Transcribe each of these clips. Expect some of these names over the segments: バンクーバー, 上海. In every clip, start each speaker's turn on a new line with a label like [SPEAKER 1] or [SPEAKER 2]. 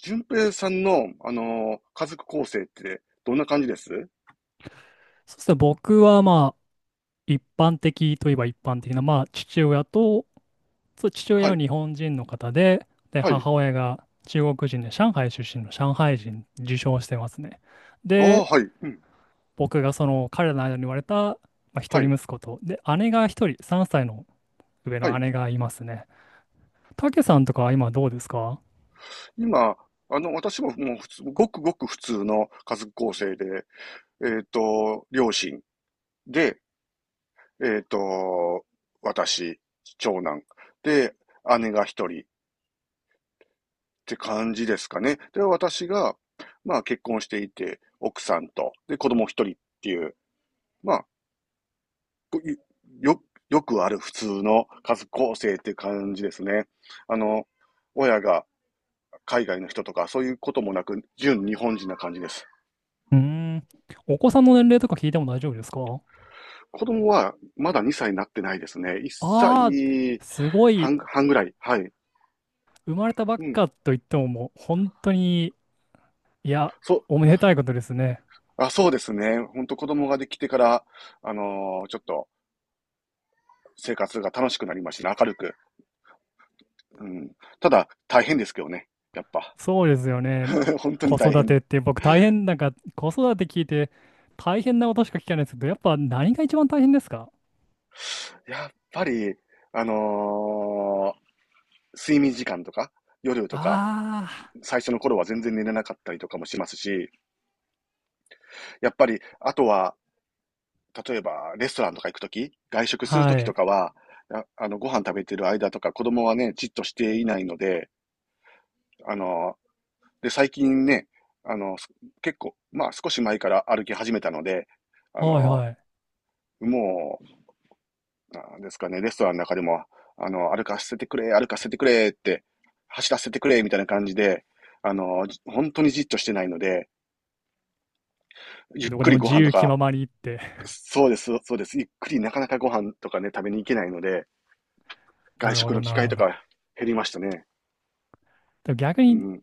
[SPEAKER 1] 順平さんの、家族構成ってどんな感じです
[SPEAKER 2] そうですね、僕は一般的といえば一般的な、父親と、そう父親
[SPEAKER 1] は
[SPEAKER 2] は
[SPEAKER 1] い、
[SPEAKER 2] 日本人の方で、で、
[SPEAKER 1] はい。
[SPEAKER 2] 母親が中国人で、上海出身の上海人、受賞してますね。
[SPEAKER 1] ああ、
[SPEAKER 2] で、
[SPEAKER 1] はい、うん、
[SPEAKER 2] 僕がその彼らの間に生まれた、まあ、一
[SPEAKER 1] は
[SPEAKER 2] 人
[SPEAKER 1] い、
[SPEAKER 2] 息子と、で、姉が一人、3歳の上
[SPEAKER 1] は
[SPEAKER 2] の
[SPEAKER 1] い。
[SPEAKER 2] 姉がいますね。たけさんとかは今どうですか？
[SPEAKER 1] 今、あの、私ももう普通、ごくごく普通の家族構成で、両親で、えっと、私、長男で、姉が一人って感じですかね。で、私が、まあ結婚していて、奥さんと、で、子供一人っていう、まあ、こいよ、よくある普通の家族構成っていう感じですね。あの、親が海外の人とかそういうこともなく、純日本人な感じです。
[SPEAKER 2] うーん、お子さんの年齢とか聞いても大丈夫ですか？
[SPEAKER 1] 子供はまだ2歳になってないですね。1
[SPEAKER 2] ああ
[SPEAKER 1] 歳
[SPEAKER 2] ー、すごい、
[SPEAKER 1] 半、半ぐらい。はい。
[SPEAKER 2] 生まれたばっ
[SPEAKER 1] うん。
[SPEAKER 2] かと言ってももう本当に、いや、
[SPEAKER 1] そう、
[SPEAKER 2] おめでたいことですね。
[SPEAKER 1] あ、そうですね。ほんと子供ができてから、ちょっと生活が楽しくなりましたね。明るく。うん。ただ、大変ですけどね。やっぱ。
[SPEAKER 2] そうですよね。
[SPEAKER 1] 本当に
[SPEAKER 2] 子
[SPEAKER 1] 大
[SPEAKER 2] 育て
[SPEAKER 1] 変。
[SPEAKER 2] って僕大変、なんか子育て聞いて大変なことしか聞かないですけど、やっぱ何が一番大変ですか？
[SPEAKER 1] やっぱり、あの、睡眠時間とか、夜とか、
[SPEAKER 2] あ
[SPEAKER 1] 最初の頃は全然寝れなかったりとかもしますし、やっぱり、あとは、例えば、レストランとか行くとき、外食
[SPEAKER 2] あー、
[SPEAKER 1] するとき
[SPEAKER 2] は
[SPEAKER 1] と
[SPEAKER 2] い。
[SPEAKER 1] かは、あの、ご飯食べてる間とか、子供はね、じっとしていないので、あの、で、最近ね、あの、結構、まあ少し前から歩き始めたので、あ
[SPEAKER 2] はい
[SPEAKER 1] の、
[SPEAKER 2] はい。
[SPEAKER 1] もう、なんですかね、レストランの中でも、あの、歩かせてくれって、走らせてくれ、みたいな感じで、あの、本当にじっとしてないので、ゆっ
[SPEAKER 2] どこ
[SPEAKER 1] く
[SPEAKER 2] で
[SPEAKER 1] り
[SPEAKER 2] も
[SPEAKER 1] ご
[SPEAKER 2] 自
[SPEAKER 1] 飯と
[SPEAKER 2] 由気
[SPEAKER 1] か、
[SPEAKER 2] ままにって。
[SPEAKER 1] そうです、そうです。ゆっくりなかなかご飯とかね、食べに行けないので、
[SPEAKER 2] な
[SPEAKER 1] 外
[SPEAKER 2] るほ
[SPEAKER 1] 食の
[SPEAKER 2] ど、
[SPEAKER 1] 機
[SPEAKER 2] なる
[SPEAKER 1] 会
[SPEAKER 2] ほ
[SPEAKER 1] と
[SPEAKER 2] ど。
[SPEAKER 1] か減りましたね。
[SPEAKER 2] でも逆
[SPEAKER 1] う
[SPEAKER 2] に
[SPEAKER 1] ん。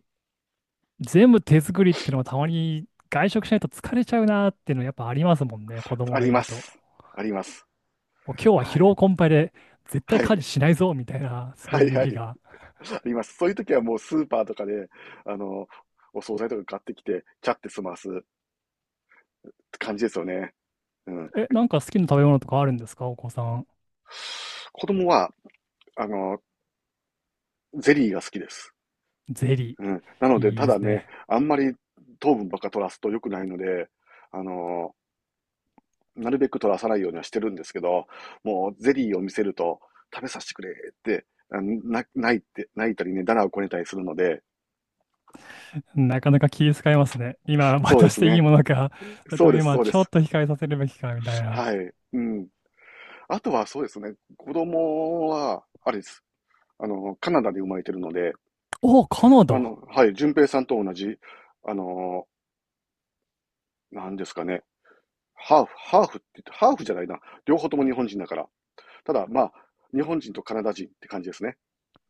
[SPEAKER 2] 全部手作りってのはたまに外食しないと疲れちゃうなーっていうのやっぱありますもんね、子供
[SPEAKER 1] あ
[SPEAKER 2] が
[SPEAKER 1] り
[SPEAKER 2] い
[SPEAKER 1] ま
[SPEAKER 2] ると。
[SPEAKER 1] す。あります。
[SPEAKER 2] もう今日は疲
[SPEAKER 1] はい。
[SPEAKER 2] 労困憊で絶対
[SPEAKER 1] は
[SPEAKER 2] 家事
[SPEAKER 1] い。
[SPEAKER 2] しないぞみたいな、そ
[SPEAKER 1] は
[SPEAKER 2] う
[SPEAKER 1] い
[SPEAKER 2] いう
[SPEAKER 1] は
[SPEAKER 2] 日
[SPEAKER 1] い。
[SPEAKER 2] が。
[SPEAKER 1] あります。そういう時はもうスーパーとかで、あの、お惣菜とか買ってきて、ちゃって済ますって感じですよね。うん。
[SPEAKER 2] え、なんか好きな食べ物とかあるんですか、お子さん。
[SPEAKER 1] 子供は、あの、ゼリーが好きです。
[SPEAKER 2] ゼリ
[SPEAKER 1] うん。なの
[SPEAKER 2] ー。
[SPEAKER 1] で、
[SPEAKER 2] いい
[SPEAKER 1] た
[SPEAKER 2] です
[SPEAKER 1] だね、
[SPEAKER 2] ね。
[SPEAKER 1] あんまり糖分ばっか取らすと良くないので、あの、なるべく取らさないようにはしてるんですけど、もうゼリーを見せると、食べさせてくれって、あ、泣いて、泣いたりね、だらをこねたりするので、
[SPEAKER 2] なかなか気遣いますね。今、
[SPEAKER 1] そうで
[SPEAKER 2] 渡し
[SPEAKER 1] す
[SPEAKER 2] ていい
[SPEAKER 1] ね。
[SPEAKER 2] ものか、それ
[SPEAKER 1] そ
[SPEAKER 2] と
[SPEAKER 1] う
[SPEAKER 2] も
[SPEAKER 1] です、
[SPEAKER 2] 今、
[SPEAKER 1] そうで
[SPEAKER 2] ちょ
[SPEAKER 1] す。
[SPEAKER 2] っと控えさせるべきか、みたいな。
[SPEAKER 1] はい。うん。あとはそうですね、子供は、あれです。あの、カナダで生まれてるので、
[SPEAKER 2] おカナ
[SPEAKER 1] あ
[SPEAKER 2] ダ。
[SPEAKER 1] の、はい、順平さんと同じ、あの、なんですかね、ハーフって言って、ハーフじゃないな。両方とも日本人だから。ただ、まあ、日本人とカナダ人って感じですね。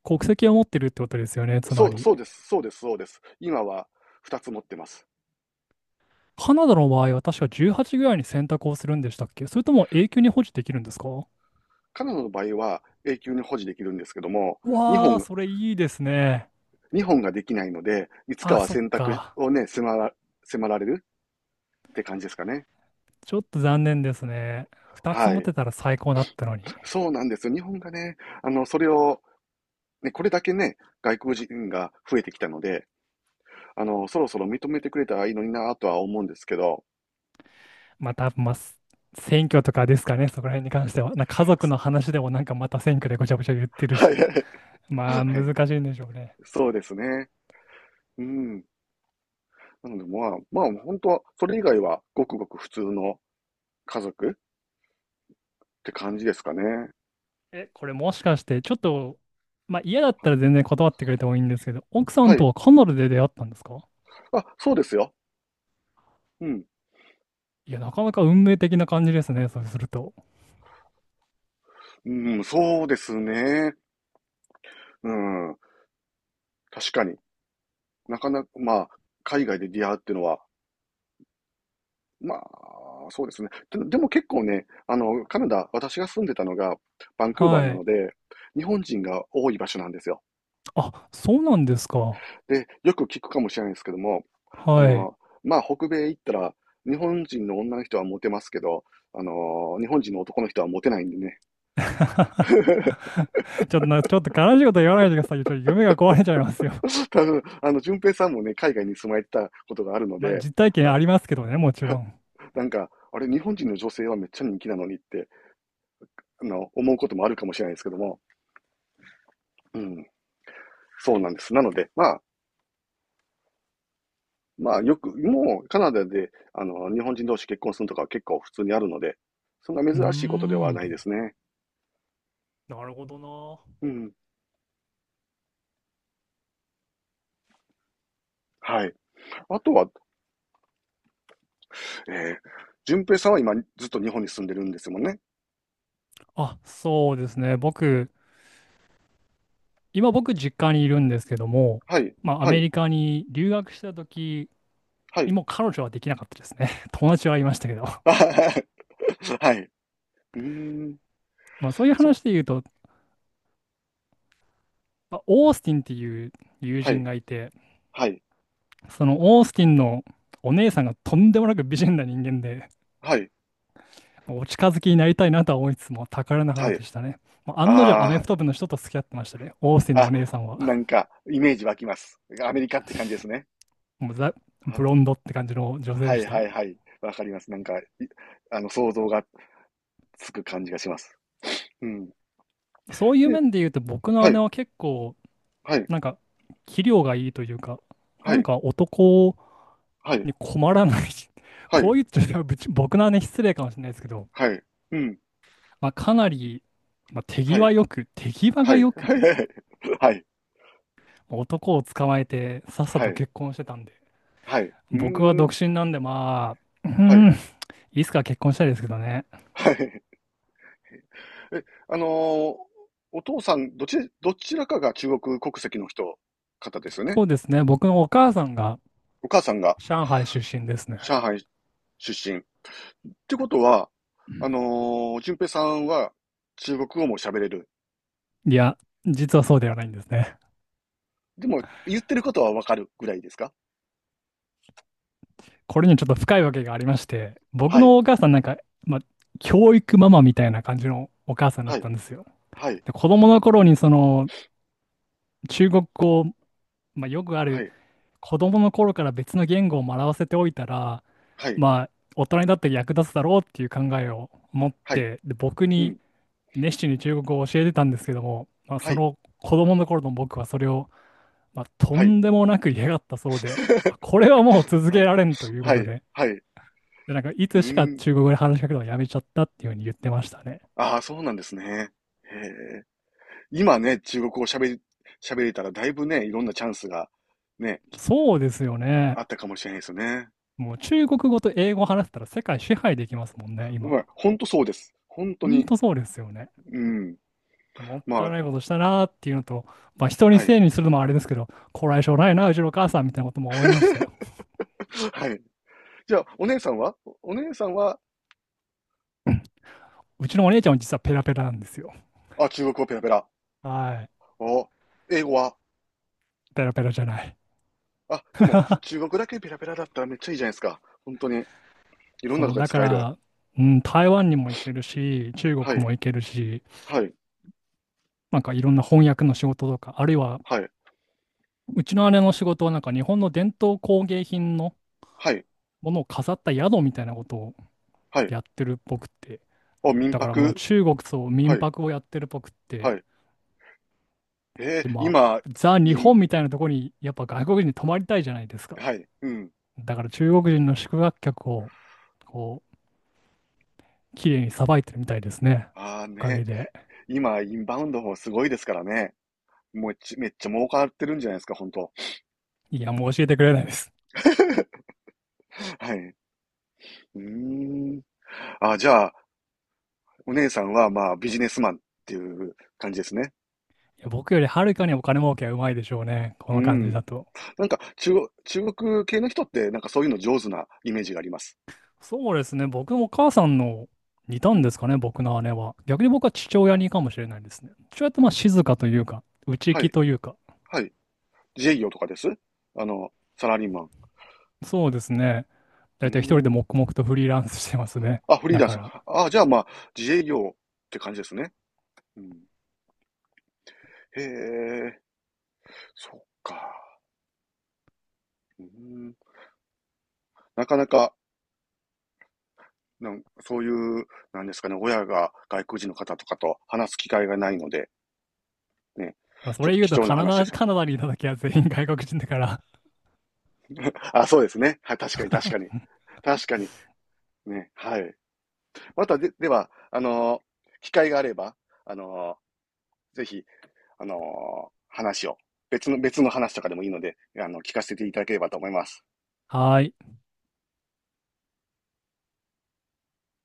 [SPEAKER 2] 国籍を持ってるってことですよね、つ
[SPEAKER 1] そ
[SPEAKER 2] ま
[SPEAKER 1] う、
[SPEAKER 2] り。
[SPEAKER 1] そうです、そうです、そうです。今は2つ持ってます。
[SPEAKER 2] カナダの場合は確か18ぐらいに選択をするんでしたっけ、それとも永久に保持できるんですか？わ
[SPEAKER 1] カナダの場合は永久に保持できるんですけども、日本
[SPEAKER 2] ー、
[SPEAKER 1] が、
[SPEAKER 2] それいいですね。
[SPEAKER 1] 日本ができないので、いつか
[SPEAKER 2] あ、
[SPEAKER 1] は
[SPEAKER 2] そっ
[SPEAKER 1] 選択
[SPEAKER 2] か。
[SPEAKER 1] をね、迫られるって感じですかね。
[SPEAKER 2] ちょっと残念ですね。2つ
[SPEAKER 1] は
[SPEAKER 2] 持
[SPEAKER 1] い。
[SPEAKER 2] てたら最高だったのに。
[SPEAKER 1] そうなんです。日本がね、あの、それを、ね、これだけね、外国人が増えてきたので、あの、そろそろ認めてくれたらいいのになぁとは思うんですけど、
[SPEAKER 2] またまあ、す選挙とかですかね、そこら辺に関しては。なんか家族の 話でもなんかまた選挙でごちゃごちゃ言ってる
[SPEAKER 1] はい
[SPEAKER 2] し、
[SPEAKER 1] はい、
[SPEAKER 2] まあ
[SPEAKER 1] はい、
[SPEAKER 2] 難しいんでしょうね。
[SPEAKER 1] そうですね。うん。なので、まあ、まあ、本当は、それ以外はごくごく普通の家族って感じですかね。
[SPEAKER 2] え、これもしかしてちょっと、まあ嫌だったら全然断ってくれてもいいんですけど、奥さ
[SPEAKER 1] は
[SPEAKER 2] んと
[SPEAKER 1] い。
[SPEAKER 2] はカナダで出会ったんですか？
[SPEAKER 1] あ、そうですよ。うん。
[SPEAKER 2] いや、なかなか運命的な感じですね、そうすると。
[SPEAKER 1] うん、そうですね。うん。確かに。なかなか、まあ、海外で出会うっていうのは、まあ、そうですね。で、でも結構ね、あの、カナダ、私が住んでたのがバンクーバー
[SPEAKER 2] は
[SPEAKER 1] なの
[SPEAKER 2] い。
[SPEAKER 1] で、日本人が多い場所なんですよ。
[SPEAKER 2] あ、そうなんですか。
[SPEAKER 1] で、よく聞くかもしれないですけども、あ
[SPEAKER 2] はい。
[SPEAKER 1] の、まあ、北米行ったら、日本人の女の人はモテますけど、あの、日本人の男の人はモテないんでね。
[SPEAKER 2] ちょっとな、ちょっと悲しいこと言わないでくださいよ。ちょっと夢が壊れちゃいますよ。
[SPEAKER 1] 多分、あの、淳平さんもね、海外に住まれてたことがあるの
[SPEAKER 2] まあ、
[SPEAKER 1] で、
[SPEAKER 2] 実体験
[SPEAKER 1] あ、
[SPEAKER 2] ありますけどね、もちろん。
[SPEAKER 1] なんか、あれ、日本人の女性はめっちゃ人気なのにって、あの、思うこともあるかもしれないですけども、うん、そうなんです。なので、まあ、まあ、よく、もう、カナダで、あの、日本人同士結婚するとかは結構普通にあるので、そんな
[SPEAKER 2] うー
[SPEAKER 1] 珍しいことではない
[SPEAKER 2] ん。
[SPEAKER 1] ですね。
[SPEAKER 2] なるほどな。
[SPEAKER 1] うん。はい。あとは、えー、淳平さんは今、ずっと日本に住んでるんですもんね。
[SPEAKER 2] あ、そうですね。僕、今僕実家にいるんですけども、
[SPEAKER 1] はい、
[SPEAKER 2] まあア
[SPEAKER 1] は
[SPEAKER 2] メ
[SPEAKER 1] い、
[SPEAKER 2] リカに留学した時
[SPEAKER 1] は
[SPEAKER 2] に
[SPEAKER 1] い。
[SPEAKER 2] も彼女はできなかったですね。友達はいましたけど。
[SPEAKER 1] あははは はい。うーん、
[SPEAKER 2] まあそういう
[SPEAKER 1] そう、
[SPEAKER 2] 話で言うと、まあオースティンっていう友
[SPEAKER 1] は
[SPEAKER 2] 人
[SPEAKER 1] い、
[SPEAKER 2] がいて、
[SPEAKER 1] はい、
[SPEAKER 2] そのオースティンのお姉さんがとんでもなく美人な人間で、
[SPEAKER 1] はい。
[SPEAKER 2] まあお近づきになりたいなとは思いつつも宝の
[SPEAKER 1] は
[SPEAKER 2] 花
[SPEAKER 1] い。
[SPEAKER 2] でしたね。まあ案の定アメ
[SPEAKER 1] あ
[SPEAKER 2] フト部の人と付き合ってましたね。オースティン
[SPEAKER 1] あ、
[SPEAKER 2] のお
[SPEAKER 1] あ、
[SPEAKER 2] 姉さん
[SPEAKER 1] な
[SPEAKER 2] は。
[SPEAKER 1] んか、イメージ湧きます。アメリカって感じですね。
[SPEAKER 2] もうザ・
[SPEAKER 1] は、
[SPEAKER 2] ブロンドって感じの女性
[SPEAKER 1] は
[SPEAKER 2] で
[SPEAKER 1] い
[SPEAKER 2] し
[SPEAKER 1] は
[SPEAKER 2] た。
[SPEAKER 1] いはい。わかります。なんか、い、あの、想像がつく感じがします。うん。
[SPEAKER 2] そういう
[SPEAKER 1] で、
[SPEAKER 2] 面で言うと僕の
[SPEAKER 1] は
[SPEAKER 2] 姉
[SPEAKER 1] い、
[SPEAKER 2] は結構、
[SPEAKER 1] はい、
[SPEAKER 2] なんか、器量がいいというか、な
[SPEAKER 1] は
[SPEAKER 2] ん
[SPEAKER 1] い、
[SPEAKER 2] か男
[SPEAKER 1] はい、
[SPEAKER 2] に困らない
[SPEAKER 1] は
[SPEAKER 2] こう
[SPEAKER 1] い、
[SPEAKER 2] 言っちゃうとぶち僕の姉失礼かもしれないですけど、
[SPEAKER 1] はい、うん、
[SPEAKER 2] まあ、かなり、
[SPEAKER 1] はい、
[SPEAKER 2] 手際
[SPEAKER 1] は
[SPEAKER 2] が
[SPEAKER 1] い、
[SPEAKER 2] よ
[SPEAKER 1] は
[SPEAKER 2] く、
[SPEAKER 1] い、はい、
[SPEAKER 2] まあ男を捕まえてさっさ
[SPEAKER 1] はい、
[SPEAKER 2] と
[SPEAKER 1] はい、
[SPEAKER 2] 結婚してたんで、
[SPEAKER 1] はい、うー
[SPEAKER 2] 僕は
[SPEAKER 1] ん、
[SPEAKER 2] 独身なんで、あ、うー
[SPEAKER 1] はい、
[SPEAKER 2] ん、いつか結婚したいですけどね。
[SPEAKER 1] はい。え、お父さん、どち、どちらかが中国国籍の人、方ですよね？
[SPEAKER 2] そうですね、僕のお母さんが
[SPEAKER 1] お母さんが
[SPEAKER 2] 上海出身ですね。
[SPEAKER 1] 上海出身。ってことは、あの淳平さんは中国語も喋れる？
[SPEAKER 2] いや、実はそうではないんですね。
[SPEAKER 1] でも、言ってることはわかるぐらいですか？
[SPEAKER 2] これにちょっと深いわけがありまして、僕
[SPEAKER 1] はい、
[SPEAKER 2] のお母さんなんか、まあ、教育ママみたいな感じのお母さんだっ
[SPEAKER 1] は
[SPEAKER 2] た
[SPEAKER 1] い、
[SPEAKER 2] んですよ。
[SPEAKER 1] はい、
[SPEAKER 2] で、子供の頃にその中国語、まあ、よくあ
[SPEAKER 1] は
[SPEAKER 2] る
[SPEAKER 1] い、
[SPEAKER 2] 子供の頃から別の言語を学ばせておいたら、
[SPEAKER 1] はい、
[SPEAKER 2] まあ、大人になって役立つだろうっていう考えを持っ
[SPEAKER 1] はい、
[SPEAKER 2] て、で、僕
[SPEAKER 1] う
[SPEAKER 2] に
[SPEAKER 1] ん、
[SPEAKER 2] 熱心に中国語を教えてたんですけども、まあ、
[SPEAKER 1] は
[SPEAKER 2] そ
[SPEAKER 1] い、
[SPEAKER 2] の子供の頃の僕はそれを、まあ、と
[SPEAKER 1] はい。
[SPEAKER 2] んでもなく嫌がったそうで、あ これはもう続
[SPEAKER 1] は
[SPEAKER 2] け
[SPEAKER 1] い、
[SPEAKER 2] られんというこ
[SPEAKER 1] は
[SPEAKER 2] と
[SPEAKER 1] い、
[SPEAKER 2] で、
[SPEAKER 1] はい、う
[SPEAKER 2] で、なんかい
[SPEAKER 1] ー
[SPEAKER 2] つしか
[SPEAKER 1] ん。
[SPEAKER 2] 中国語で話しかけるのをやめちゃったっていうふうに言ってましたね。
[SPEAKER 1] ああ、そうなんですね。へえ。今ね、中国語を喋り、喋れたらだいぶね、いろんなチャンスがね、
[SPEAKER 2] そうですよ
[SPEAKER 1] あ
[SPEAKER 2] ね。
[SPEAKER 1] ったかもしれないですよね。
[SPEAKER 2] もう中国語と英語を話せたら世界支配できますもんね、
[SPEAKER 1] ま
[SPEAKER 2] 今。
[SPEAKER 1] あ、ほんとそうです。本当
[SPEAKER 2] ほん
[SPEAKER 1] に。
[SPEAKER 2] とそうですよね。
[SPEAKER 1] うん。
[SPEAKER 2] もっ
[SPEAKER 1] ま
[SPEAKER 2] たい
[SPEAKER 1] あ、
[SPEAKER 2] ないことしたなーっていうのと、まあ、人に
[SPEAKER 1] は
[SPEAKER 2] せ
[SPEAKER 1] い。
[SPEAKER 2] いにするのもあれですけど、こらえ性ないな、うちのお母さんみたいなことも思いましたよ。
[SPEAKER 1] はい。じゃあ、お姉さんは、
[SPEAKER 2] うちのお姉ちゃんも実はペラペラなんですよ。
[SPEAKER 1] あ、中国語ペラペラ。
[SPEAKER 2] はい。
[SPEAKER 1] お、英語は、
[SPEAKER 2] ペラペラじゃない。
[SPEAKER 1] あ、でも、中国だけペラペラだったらめっちゃいいじゃないですか。本当に。いろんな
[SPEAKER 2] そ
[SPEAKER 1] と
[SPEAKER 2] う、
[SPEAKER 1] こで
[SPEAKER 2] だか
[SPEAKER 1] 使える。
[SPEAKER 2] ら、うん、台湾にも行けるし、中
[SPEAKER 1] は
[SPEAKER 2] 国
[SPEAKER 1] い、
[SPEAKER 2] も行けるし、
[SPEAKER 1] はい、
[SPEAKER 2] なんかいろんな翻訳の仕事とか、あるいは、
[SPEAKER 1] はい、
[SPEAKER 2] うちの姉の仕事はなんか日本の伝統工芸品の
[SPEAKER 1] はい、
[SPEAKER 2] ものを飾った宿みたいなことを
[SPEAKER 1] はい。
[SPEAKER 2] やってるっぽくて、
[SPEAKER 1] お、民
[SPEAKER 2] だからもう
[SPEAKER 1] 泊、
[SPEAKER 2] 中国と
[SPEAKER 1] は
[SPEAKER 2] 民
[SPEAKER 1] い、
[SPEAKER 2] 泊をやってるっぽくって、
[SPEAKER 1] はい。
[SPEAKER 2] で、ま
[SPEAKER 1] 今、
[SPEAKER 2] あ、ザ・日
[SPEAKER 1] イン、
[SPEAKER 2] 本みたいなところに、やっぱ外国人に泊まりたいじゃないですか。
[SPEAKER 1] はい、うん。
[SPEAKER 2] だから中国人の宿泊客を、こう、綺麗にさばいてるみたいですね。
[SPEAKER 1] ああ
[SPEAKER 2] おか
[SPEAKER 1] ね、
[SPEAKER 2] げで。
[SPEAKER 1] 今、インバウンドもすごいですからね。もうち、めっちゃ儲かってるんじゃないですか、本当。
[SPEAKER 2] いや、もう教えてくれないです。
[SPEAKER 1] はい。うーん。あ、じゃあ、お姉さんは、まあ、ビジネスマンっていう感じですね。
[SPEAKER 2] いや、僕よりはるかにお金儲けはうまいでしょうね。こ
[SPEAKER 1] う
[SPEAKER 2] の感じ
[SPEAKER 1] ん。
[SPEAKER 2] だと。
[SPEAKER 1] なんか、中国系の人って、なんかそういうの上手なイメージがあります。
[SPEAKER 2] そうですね。僕もお母さんの似た
[SPEAKER 1] う
[SPEAKER 2] んで
[SPEAKER 1] ん。
[SPEAKER 2] すかね、僕の姉は。逆に僕は父親にかもしれないですね。父親ってまあ静かというか、内
[SPEAKER 1] は
[SPEAKER 2] 気
[SPEAKER 1] い。
[SPEAKER 2] というか。
[SPEAKER 1] はい。自営業とかですあの、サラリーマン。
[SPEAKER 2] そうですね。だ
[SPEAKER 1] う
[SPEAKER 2] いたい一人で
[SPEAKER 1] ん。
[SPEAKER 2] 黙々とフリーランスしてますね。
[SPEAKER 1] あ、フリー
[SPEAKER 2] だ
[SPEAKER 1] ラン
[SPEAKER 2] か
[SPEAKER 1] ス。
[SPEAKER 2] ら。
[SPEAKER 1] あ、じゃあまあ、自営業って感じですね。うん。へえ、そっか。うん。なかなか、なんそういう、なんですかね、親が外国人の方とかと話す機会がないので、ね。
[SPEAKER 2] でもそ
[SPEAKER 1] ちょっ
[SPEAKER 2] れ
[SPEAKER 1] と
[SPEAKER 2] 言う
[SPEAKER 1] 貴
[SPEAKER 2] と
[SPEAKER 1] 重な
[SPEAKER 2] カナ
[SPEAKER 1] 話で
[SPEAKER 2] ダ、
[SPEAKER 1] すよ。
[SPEAKER 2] カナダにいたきは全員外国人だから、
[SPEAKER 1] あ、そうですね。はい、確かに確かに。確かに。ね、はい。またで、では、機会があれば、あのぜひ、あのー話を、別の、別の話とかでもいいので、あの、聞かせていただければと思います。
[SPEAKER 2] はーい、